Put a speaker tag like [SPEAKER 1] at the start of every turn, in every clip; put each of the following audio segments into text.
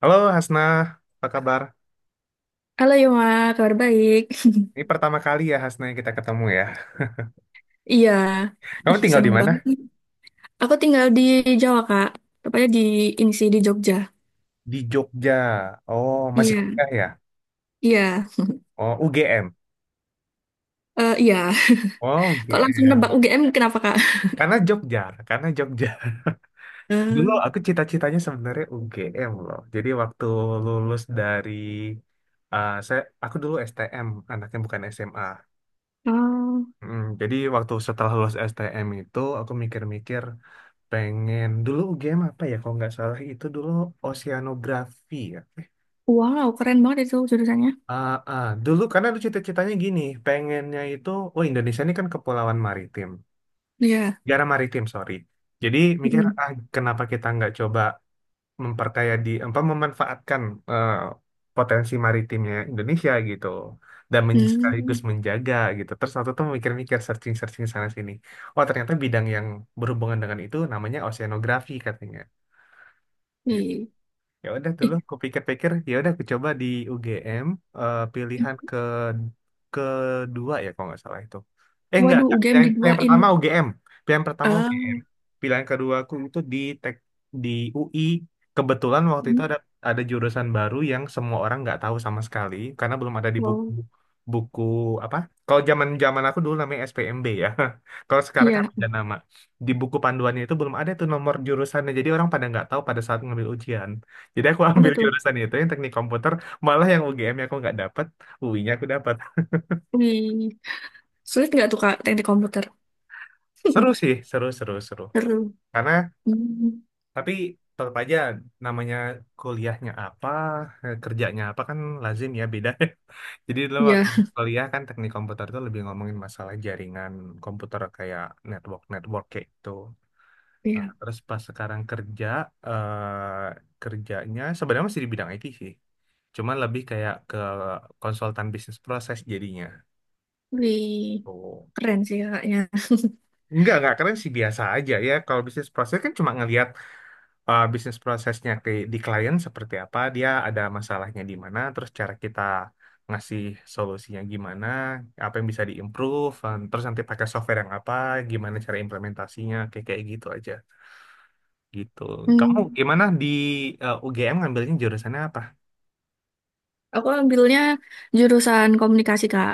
[SPEAKER 1] Halo Hasna, apa kabar?
[SPEAKER 2] Halo Yoma, kabar baik.
[SPEAKER 1] Ini pertama kali ya Hasna kita ketemu ya.
[SPEAKER 2] Iya,
[SPEAKER 1] Kamu
[SPEAKER 2] ih
[SPEAKER 1] tinggal di
[SPEAKER 2] seneng
[SPEAKER 1] mana?
[SPEAKER 2] banget nih. Aku tinggal di Jawa, Kak, tepatnya di ini sih di Jogja.
[SPEAKER 1] Di Jogja. Oh, masih
[SPEAKER 2] Iya,
[SPEAKER 1] kuliah ya?
[SPEAKER 2] iya,
[SPEAKER 1] Oh, UGM.
[SPEAKER 2] Iya.
[SPEAKER 1] Oh,
[SPEAKER 2] Kok langsung nebak
[SPEAKER 1] UGM.
[SPEAKER 2] UGM kenapa, Kak?
[SPEAKER 1] Karena Jogja, karena Jogja. Dulu
[SPEAKER 2] Eh,
[SPEAKER 1] aku cita-citanya sebenarnya UGM loh. Jadi waktu lulus dari saya aku dulu STM, anaknya bukan SMA.
[SPEAKER 2] oh,
[SPEAKER 1] Jadi waktu setelah lulus STM itu aku mikir-mikir pengen dulu UGM apa ya kalau nggak salah itu dulu oceanografi ya.
[SPEAKER 2] wow, keren banget itu jurusannya.
[SPEAKER 1] Ah, ah. Dulu karena lu cita-citanya gini, pengennya itu, oh Indonesia ini kan kepulauan maritim,
[SPEAKER 2] Iya,
[SPEAKER 1] negara maritim sorry. Jadi mikir
[SPEAKER 2] mm.
[SPEAKER 1] kenapa kita nggak coba memperkaya di, apa memanfaatkan eh, potensi maritimnya Indonesia gitu, dan sekaligus
[SPEAKER 2] Hmm.
[SPEAKER 1] menjaga gitu. Terus waktu itu mikir-mikir searching-searching sana sini, oh ternyata bidang yang berhubungan dengan itu namanya oceanografi katanya.
[SPEAKER 2] Ih.
[SPEAKER 1] Ya udah dulu
[SPEAKER 2] Ih,
[SPEAKER 1] aku pikir-pikir, ya udah aku coba di UGM, pilihan kedua ya kalau nggak salah itu. Enggak,
[SPEAKER 2] waduh,
[SPEAKER 1] enggak.
[SPEAKER 2] UGM
[SPEAKER 1] Pilihan
[SPEAKER 2] diduain.
[SPEAKER 1] pertama UGM. Pilihan pertama
[SPEAKER 2] Ah,
[SPEAKER 1] UGM. Pilihan kedua aku itu di di UI. Kebetulan waktu itu
[SPEAKER 2] mm,
[SPEAKER 1] ada jurusan baru yang semua orang nggak tahu sama sekali karena belum ada di buku,
[SPEAKER 2] wow,
[SPEAKER 1] buku apa? Kalau zaman zaman aku dulu namanya SPMB ya. Kalau sekarang kan
[SPEAKER 2] iya.
[SPEAKER 1] ada nama. Di buku panduannya itu belum ada tuh nomor jurusannya. Jadi orang pada nggak tahu pada saat ngambil ujian. Jadi aku
[SPEAKER 2] Apa
[SPEAKER 1] ambil
[SPEAKER 2] tuh?
[SPEAKER 1] jurusan itu yang teknik komputer, malah yang UGM-nya aku nggak dapat, UI-nya aku dapat.
[SPEAKER 2] Wih, sulit nggak tuh Kak teknik komputer?
[SPEAKER 1] Seru sih, seru seru seru.
[SPEAKER 2] Seru.
[SPEAKER 1] Karena
[SPEAKER 2] Hmm.
[SPEAKER 1] tapi tetap aja namanya kuliahnya apa, kerjanya apa kan lazim ya beda. Jadi dulu
[SPEAKER 2] Iya,
[SPEAKER 1] waktu kuliah kan teknik komputer itu lebih ngomongin masalah jaringan komputer kayak network network kayak itu. Nah,
[SPEAKER 2] iya.
[SPEAKER 1] terus pas sekarang kerja, kerjanya sebenarnya masih di bidang IT sih. Cuman lebih kayak ke konsultan bisnis proses jadinya.
[SPEAKER 2] Wih.
[SPEAKER 1] Oh.
[SPEAKER 2] Keren sih kakaknya.
[SPEAKER 1] Enggak keren sih biasa aja ya. Kalau bisnis proses kan cuma ngelihat bisnis prosesnya di klien seperti apa, dia ada masalahnya di mana, terus cara kita ngasih solusinya gimana, apa yang bisa diimprove, terus nanti pakai software yang apa, gimana cara implementasinya, kayak kayak gitu aja. Gitu. Kamu
[SPEAKER 2] Hmm.
[SPEAKER 1] gimana di, UGM ngambilnya jurusannya apa?
[SPEAKER 2] Aku ambilnya jurusan komunikasi, Kak.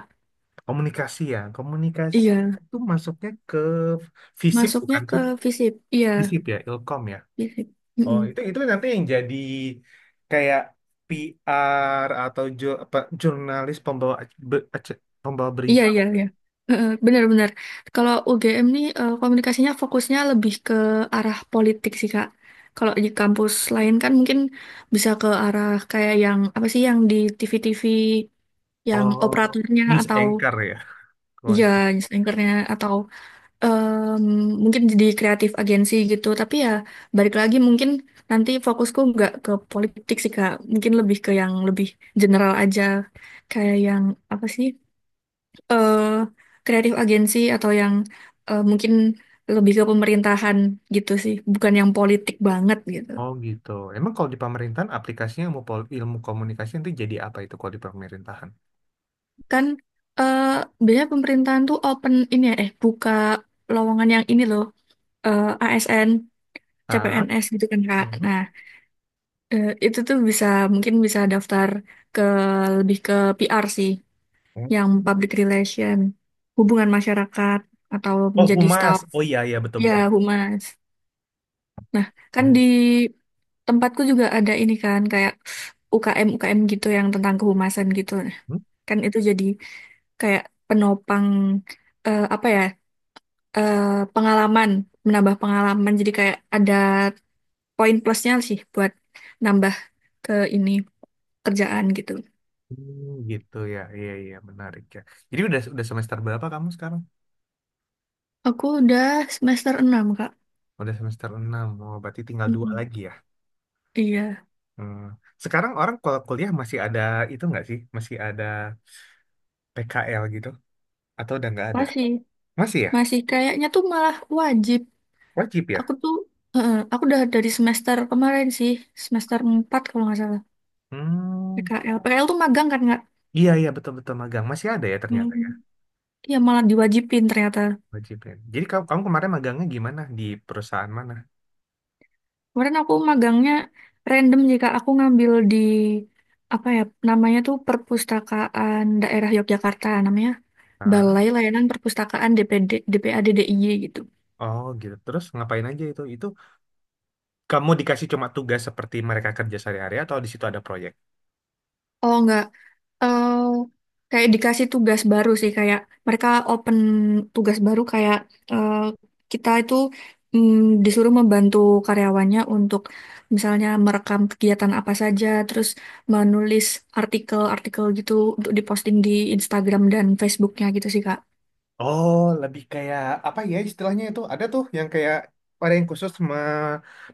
[SPEAKER 1] Komunikasi ya. Komunikasi
[SPEAKER 2] Iya.
[SPEAKER 1] itu masuknya ke FISIP
[SPEAKER 2] Masuknya
[SPEAKER 1] bukan
[SPEAKER 2] ke
[SPEAKER 1] sih?
[SPEAKER 2] FISIP. Iya,
[SPEAKER 1] FISIP ya, Ilkom ya.
[SPEAKER 2] FISIP.
[SPEAKER 1] Oh,
[SPEAKER 2] Mm-mm.
[SPEAKER 1] itu nanti yang jadi kayak PR atau jurnalis pembawa pembawa
[SPEAKER 2] Iya,
[SPEAKER 1] berita.
[SPEAKER 2] iya, iya. Heeh, benar-benar. Kalau UGM nih komunikasinya fokusnya lebih ke arah politik sih, Kak. Kalau di kampus lain kan mungkin bisa ke arah kayak yang apa sih yang di TV-TV yang
[SPEAKER 1] Oh,
[SPEAKER 2] operatornya
[SPEAKER 1] news
[SPEAKER 2] atau
[SPEAKER 1] anchor ya. Kalau nggak
[SPEAKER 2] iya,
[SPEAKER 1] salah.
[SPEAKER 2] news anchor-nya, atau Em, mungkin jadi kreatif agensi gitu, tapi ya balik lagi mungkin nanti fokusku nggak ke politik sih Kak, mungkin lebih ke yang lebih general aja, kayak yang apa sih eh kreatif agensi, atau yang mungkin lebih ke pemerintahan gitu sih, bukan yang politik banget gitu.
[SPEAKER 1] Oh gitu. Emang kalau di pemerintahan aplikasinya ilmu, ilmu komunikasi nanti jadi apa itu kalau di pemerintahan?
[SPEAKER 2] Kan eh biasanya pemerintahan tuh open ini ya buka lowongan yang ini loh, ASN,
[SPEAKER 1] Ah,
[SPEAKER 2] CPNS gitu kan, Kak.
[SPEAKER 1] mhm.
[SPEAKER 2] Nah, itu tuh bisa, mungkin bisa daftar ke lebih ke PR sih, yang public relation, hubungan masyarakat, atau
[SPEAKER 1] Oh
[SPEAKER 2] menjadi
[SPEAKER 1] humas.
[SPEAKER 2] staff.
[SPEAKER 1] Oh iya iya betul
[SPEAKER 2] Ya,
[SPEAKER 1] betul. Betul.
[SPEAKER 2] humas. Nah, kan di
[SPEAKER 1] Mhm.
[SPEAKER 2] tempatku juga ada ini kan kayak UKM UKM gitu yang tentang kehumasan gitu. Nah, kan itu jadi kayak penopang, apa ya? eh, Pengalaman, menambah pengalaman. Jadi kayak ada poin plusnya sih buat nambah ke ini kerjaan gitu.
[SPEAKER 1] Hmm, gitu ya. Iya iya menarik ya. Jadi udah semester berapa kamu sekarang?
[SPEAKER 2] Aku udah semester enam, Kak.
[SPEAKER 1] Udah semester 6. Oh, berarti tinggal dua
[SPEAKER 2] Mm-mm.
[SPEAKER 1] lagi ya.
[SPEAKER 2] Iya,
[SPEAKER 1] Hmm. Sekarang orang kalau kuliah masih ada itu nggak sih? Masih ada PKL gitu? Atau udah nggak ada?
[SPEAKER 2] masih.
[SPEAKER 1] Masih ya?
[SPEAKER 2] Masih kayaknya tuh malah wajib.
[SPEAKER 1] Wajib ya?
[SPEAKER 2] Aku tuh, aku udah dari semester kemarin sih, semester 4 kalau nggak salah.
[SPEAKER 1] Hmm.
[SPEAKER 2] PKL. PKL tuh magang kan, nggak?
[SPEAKER 1] Iya, iya, betul-betul magang. Masih ada ya
[SPEAKER 2] Hmm.
[SPEAKER 1] ternyata ya,
[SPEAKER 2] Iya, malah diwajibin ternyata.
[SPEAKER 1] wajib ya. Jadi kamu kemarin magangnya gimana? Di perusahaan mana?
[SPEAKER 2] Kemarin aku magangnya random, jika aku ngambil di, apa ya, namanya tuh Perpustakaan Daerah Yogyakarta. Namanya
[SPEAKER 1] Ah,
[SPEAKER 2] Balai Layanan Perpustakaan DPD, DPADDIY gitu.
[SPEAKER 1] oh gitu. Terus ngapain aja itu? Itu kamu dikasih cuma tugas seperti mereka kerja sehari-hari atau di situ ada proyek?
[SPEAKER 2] Oh, nggak. eh Kayak dikasih tugas baru sih, kayak mereka open tugas baru kayak, eh, kita itu disuruh membantu karyawannya untuk misalnya merekam kegiatan apa saja, terus menulis artikel-artikel gitu untuk diposting di Instagram dan Facebooknya gitu sih, Kak.
[SPEAKER 1] Oh, lebih kayak apa ya istilahnya itu? Ada tuh yang kayak ada yang khusus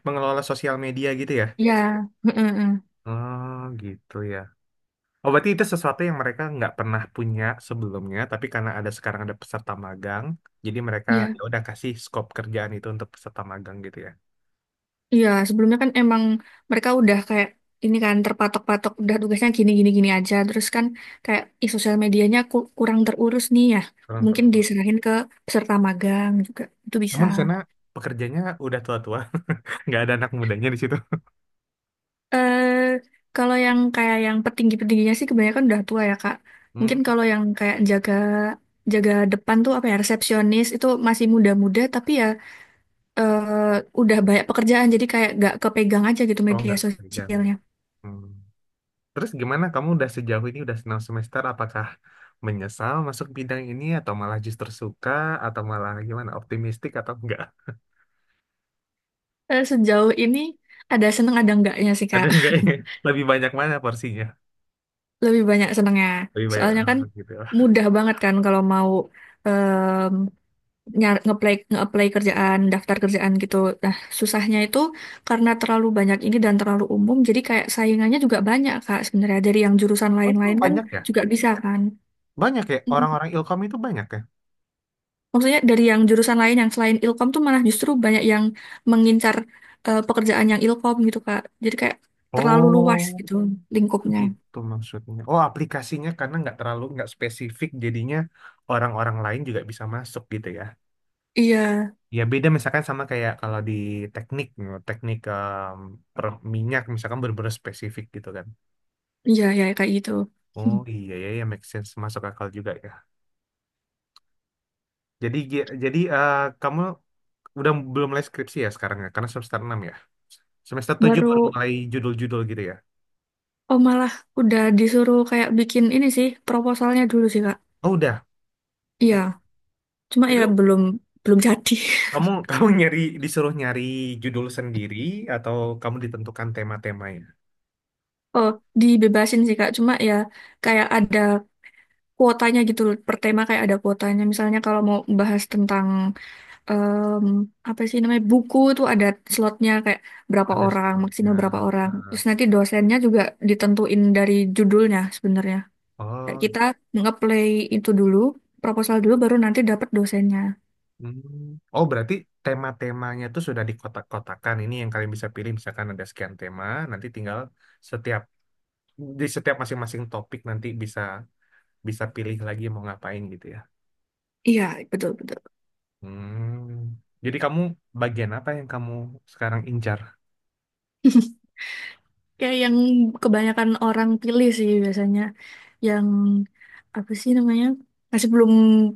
[SPEAKER 1] mengelola sosial media gitu ya?
[SPEAKER 2] Ya, heeh, heeh.
[SPEAKER 1] Oh, gitu ya. Oh, berarti itu sesuatu yang mereka nggak pernah punya sebelumnya, tapi karena sekarang ada peserta magang, jadi mereka ya
[SPEAKER 2] Iya.
[SPEAKER 1] udah kasih scope kerjaan itu untuk peserta magang gitu ya.
[SPEAKER 2] Iya, sebelumnya kan emang mereka udah kayak ini kan terpatok-patok udah tugasnya gini-gini-gini aja. Terus kan kayak sosial medianya kurang terurus nih ya.
[SPEAKER 1] Terus
[SPEAKER 2] Mungkin
[SPEAKER 1] terus.
[SPEAKER 2] diserahin ke peserta magang juga itu bisa.
[SPEAKER 1] Emang di sana pekerjanya udah tua-tua, nggak ada anak mudanya di situ.
[SPEAKER 2] Eh, Kalau yang kayak yang petinggi-petingginya sih kebanyakan udah tua ya, Kak.
[SPEAKER 1] Hmm,
[SPEAKER 2] Mungkin kalau yang kayak jaga jaga depan tuh apa ya resepsionis itu masih muda-muda, tapi ya eh, udah banyak pekerjaan jadi kayak gak kepegang aja gitu
[SPEAKER 1] oh
[SPEAKER 2] media
[SPEAKER 1] nggak pekerjaannya.
[SPEAKER 2] sosialnya.
[SPEAKER 1] Hmm. Terus gimana? Kamu udah sejauh ini udah 6 semester, apakah menyesal masuk bidang ini atau malah justru suka atau malah gimana? Optimistik atau enggak?
[SPEAKER 2] Sejauh ini ada seneng ada enggaknya sih,
[SPEAKER 1] Ada
[SPEAKER 2] Kak.
[SPEAKER 1] enggak ya? Lebih banyak mana porsinya?
[SPEAKER 2] Lebih banyak senengnya.
[SPEAKER 1] Lebih banyak,
[SPEAKER 2] Soalnya kan
[SPEAKER 1] gitu.
[SPEAKER 2] mudah banget kan kalau mau em nyar ngeplay ngeapply kerjaan, daftar kerjaan gitu. Nah, susahnya itu karena terlalu banyak ini dan terlalu umum, jadi kayak saingannya juga banyak Kak sebenarnya. Dari yang jurusan
[SPEAKER 1] Oh, emang
[SPEAKER 2] lain-lain kan
[SPEAKER 1] banyak ya?
[SPEAKER 2] juga bisa kan.
[SPEAKER 1] Banyak ya,
[SPEAKER 2] Mm.
[SPEAKER 1] orang-orang Ilkom itu banyak ya?
[SPEAKER 2] Maksudnya dari yang jurusan lain yang selain Ilkom tuh malah justru banyak yang mengincar pekerjaan yang Ilkom gitu, Kak. Jadi kayak terlalu luas
[SPEAKER 1] Oh,
[SPEAKER 2] gitu lingkupnya.
[SPEAKER 1] gitu maksudnya. Oh, aplikasinya karena nggak terlalu, nggak spesifik, jadinya orang-orang lain juga bisa masuk gitu ya.
[SPEAKER 2] Iya.
[SPEAKER 1] Ya beda misalkan sama kayak kalau di teknik, teknik, per minyak misalkan benar spesifik gitu kan.
[SPEAKER 2] Iya, ya kayak gitu. Hmm.
[SPEAKER 1] Oh iya ya, ya make sense masuk akal juga ya. Jadi kamu udah belum mulai skripsi ya sekarang ya, karena semester 6 ya. Semester 7 baru
[SPEAKER 2] Baru
[SPEAKER 1] mulai judul-judul gitu ya.
[SPEAKER 2] oh malah udah disuruh kayak bikin ini sih proposalnya dulu sih, Kak.
[SPEAKER 1] Oh udah.
[SPEAKER 2] Iya, cuma ya
[SPEAKER 1] Itu.
[SPEAKER 2] belum belum jadi.
[SPEAKER 1] Kamu kamu nyari disuruh nyari judul sendiri atau kamu ditentukan tema-temanya?
[SPEAKER 2] Oh, dibebasin sih, Kak. Cuma ya kayak ada kuotanya gitu loh. Per tema kayak ada kuotanya. Misalnya kalau mau bahas tentang em, apa sih namanya buku itu ada slotnya kayak berapa
[SPEAKER 1] Ada
[SPEAKER 2] orang,
[SPEAKER 1] sebabnya.
[SPEAKER 2] maksimal berapa orang. Terus nanti dosennya juga ditentuin dari judulnya sebenarnya. Kayak
[SPEAKER 1] Oh,
[SPEAKER 2] kita nge-play itu dulu, proposal dulu baru nanti dapat dosennya.
[SPEAKER 1] hmm. Oh berarti tema-temanya itu sudah dikotak-kotakan. Ini yang kalian bisa pilih. Misalkan ada sekian tema, nanti tinggal setiap di setiap masing-masing topik nanti bisa bisa pilih lagi mau ngapain gitu ya.
[SPEAKER 2] Iya, betul betul.
[SPEAKER 1] Hmm. Jadi kamu bagian apa yang kamu sekarang incar?
[SPEAKER 2] Kayak yang kebanyakan orang pilih sih biasanya yang apa sih namanya? Masih belum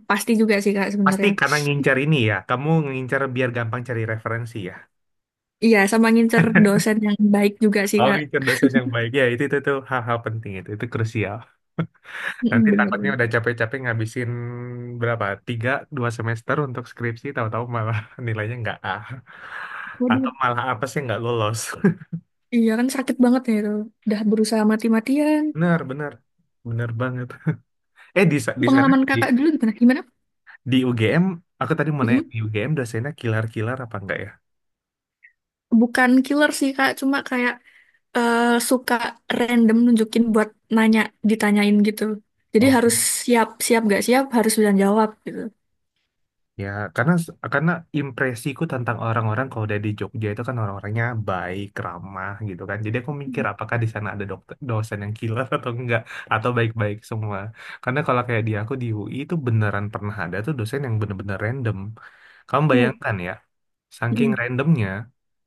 [SPEAKER 2] pasti juga sih Kak
[SPEAKER 1] Pasti
[SPEAKER 2] sebenarnya.
[SPEAKER 1] karena ngincar ini ya. Kamu ngincar biar gampang cari referensi ya.
[SPEAKER 2] Iya, sama ngincer dosen yang baik juga sih,
[SPEAKER 1] Oh,
[SPEAKER 2] Kak.
[SPEAKER 1] mikir dosen yang baik. Ya, itu tuh hal-hal penting itu. Itu krusial. Nanti
[SPEAKER 2] Mm, bener
[SPEAKER 1] takutnya
[SPEAKER 2] bener.
[SPEAKER 1] udah capek-capek ngabisin berapa? Tiga, 2 semester untuk skripsi, tahu-tahu malah nilainya nggak A. Atau
[SPEAKER 2] Waduh,
[SPEAKER 1] malah apa sih nggak lolos.
[SPEAKER 2] iya kan sakit banget ya itu. Udah berusaha mati-matian.
[SPEAKER 1] Benar, benar. Benar banget. Di sana,
[SPEAKER 2] Pengalaman Kakak dulu gimana? Gimana?
[SPEAKER 1] di UGM, aku tadi mau nanya,
[SPEAKER 2] Mm-mm.
[SPEAKER 1] di UGM dosennya kilar-kilar apa enggak
[SPEAKER 2] Bukan killer sih, Kak, cuma kayak suka random nunjukin buat nanya, ditanyain gitu. Jadi
[SPEAKER 1] ya?
[SPEAKER 2] harus siap, siap gak siap harus bisa jawab gitu.
[SPEAKER 1] Ya, karena karena impresiku tentang orang-orang kalau udah di Jogja itu kan orang-orangnya baik, ramah gitu kan. Jadi aku mikir apakah di sana ada dosen yang killer atau enggak atau baik-baik semua. Karena kalau kayak di aku di UI itu beneran pernah ada tuh dosen yang bener-bener random. Kamu
[SPEAKER 2] Uh,
[SPEAKER 1] bayangkan ya, saking
[SPEAKER 2] mm,
[SPEAKER 1] randomnya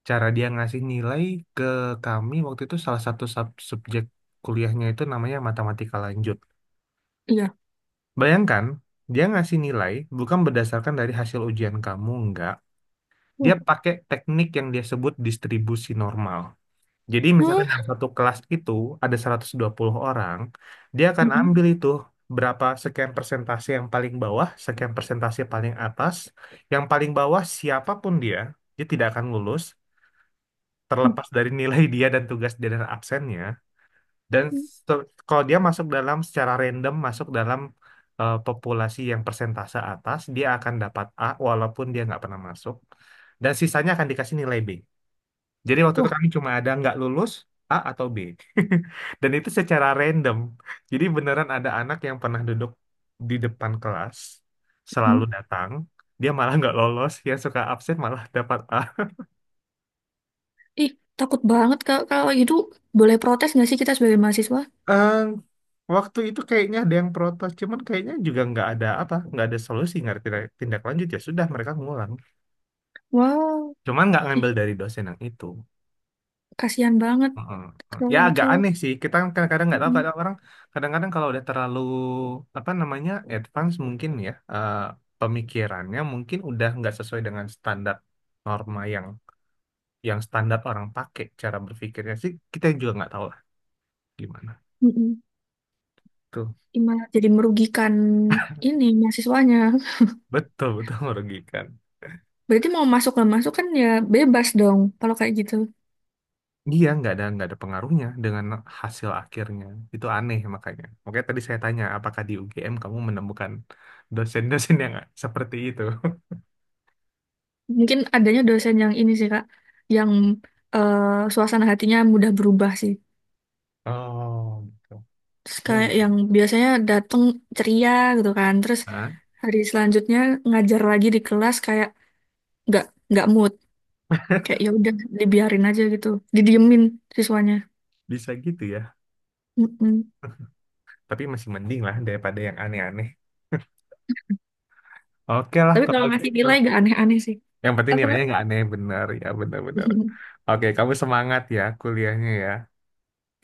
[SPEAKER 1] cara dia ngasih nilai ke kami waktu itu salah satu subjek kuliahnya itu namanya matematika lanjut.
[SPEAKER 2] iya.
[SPEAKER 1] Bayangkan, dia ngasih nilai bukan berdasarkan dari hasil ujian kamu, enggak. Dia
[SPEAKER 2] Wah,
[SPEAKER 1] pakai teknik yang dia sebut distribusi normal. Jadi
[SPEAKER 2] hmm,
[SPEAKER 1] misalkan dalam satu kelas itu ada 120 orang, dia akan
[SPEAKER 2] mm,
[SPEAKER 1] ambil itu berapa sekian persentase yang paling bawah, sekian persentase paling atas, yang paling bawah siapapun dia, dia tidak akan lulus
[SPEAKER 2] mm, mm,
[SPEAKER 1] terlepas dari nilai dia dan tugas dia dan absennya. Dan
[SPEAKER 2] mm.
[SPEAKER 1] kalau dia masuk dalam secara random masuk dalam populasi yang persentase atas, dia akan dapat A walaupun dia nggak pernah masuk dan sisanya akan dikasih nilai B. Jadi waktu itu
[SPEAKER 2] Wah,
[SPEAKER 1] kami cuma ada nggak lulus A atau B. Dan itu secara random. Jadi beneran ada anak yang pernah duduk di depan kelas, selalu
[SPEAKER 2] mm.
[SPEAKER 1] datang, dia malah nggak lolos, yang suka absen malah dapat A.
[SPEAKER 2] Ih, takut banget kalau kalau gitu boleh protes nggak sih kita sebagai mahasiswa?
[SPEAKER 1] Ehm, Waktu itu kayaknya ada yang protes, cuman kayaknya juga nggak ada apa, nggak ada solusi, nggak ada tindak tindak lanjut, ya sudah mereka ngulang.
[SPEAKER 2] Wow,
[SPEAKER 1] Cuman nggak
[SPEAKER 2] ih,
[SPEAKER 1] ngambil dari dosen yang itu.
[SPEAKER 2] kasihan banget
[SPEAKER 1] Heeh, heeh.
[SPEAKER 2] kalau
[SPEAKER 1] Ya
[SPEAKER 2] gitu.
[SPEAKER 1] agak aneh sih. Kita kan kadang-kadang nggak tahu,
[SPEAKER 2] Mm,
[SPEAKER 1] kadang orang kadang-kadang kalau udah terlalu apa namanya advance mungkin ya, pemikirannya mungkin udah nggak sesuai dengan standar norma yang standar orang pakai cara berpikirnya sih, kita juga nggak tahu lah gimana
[SPEAKER 2] mm, mm.
[SPEAKER 1] tuh,
[SPEAKER 2] Ih, malah jadi merugikan ini mahasiswanya.
[SPEAKER 1] betul betul merugikan.
[SPEAKER 2] Berarti mau masuk nggak masuk kan ya bebas dong kalau kayak gitu.
[SPEAKER 1] Iya nggak ada pengaruhnya dengan hasil akhirnya, itu aneh makanya. Makanya tadi saya tanya apakah di UGM kamu menemukan dosen-dosen yang seperti itu?
[SPEAKER 2] Mungkin adanya dosen yang ini sih, Kak, yang eh, suasana hatinya mudah berubah sih.
[SPEAKER 1] Oh,
[SPEAKER 2] Terus kayak yang
[SPEAKER 1] gitu.
[SPEAKER 2] biasanya datang ceria gitu kan, terus
[SPEAKER 1] Ah,
[SPEAKER 2] hari selanjutnya ngajar lagi di kelas kayak nggak nggak mood, kayak ya udah dibiarin aja gitu, didiemin siswanya.
[SPEAKER 1] bisa gitu ya.
[SPEAKER 2] Mm-mm.
[SPEAKER 1] Tapi masih mending lah daripada yang aneh-aneh. Oke lah
[SPEAKER 2] Tapi
[SPEAKER 1] kalau
[SPEAKER 2] kalau ngasih
[SPEAKER 1] gitu.
[SPEAKER 2] nilai gak aneh-aneh sih.
[SPEAKER 1] Yang penting
[SPEAKER 2] Apa, Kak?
[SPEAKER 1] nilainya nggak aneh, benar ya, benar-benar.
[SPEAKER 2] Mm-mm.
[SPEAKER 1] Oke, kamu semangat ya kuliahnya ya.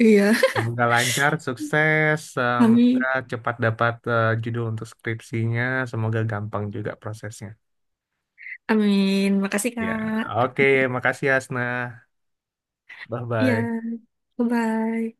[SPEAKER 2] Iya.
[SPEAKER 1] Semoga lancar, sukses, semoga
[SPEAKER 2] Amin.
[SPEAKER 1] cepat dapat, judul untuk skripsinya, semoga gampang juga prosesnya.
[SPEAKER 2] Amin. Makasih,
[SPEAKER 1] Ya,
[SPEAKER 2] Kak.
[SPEAKER 1] oke, makasih ya, Asna.
[SPEAKER 2] Iya.
[SPEAKER 1] Bye-bye.
[SPEAKER 2] Bye-bye.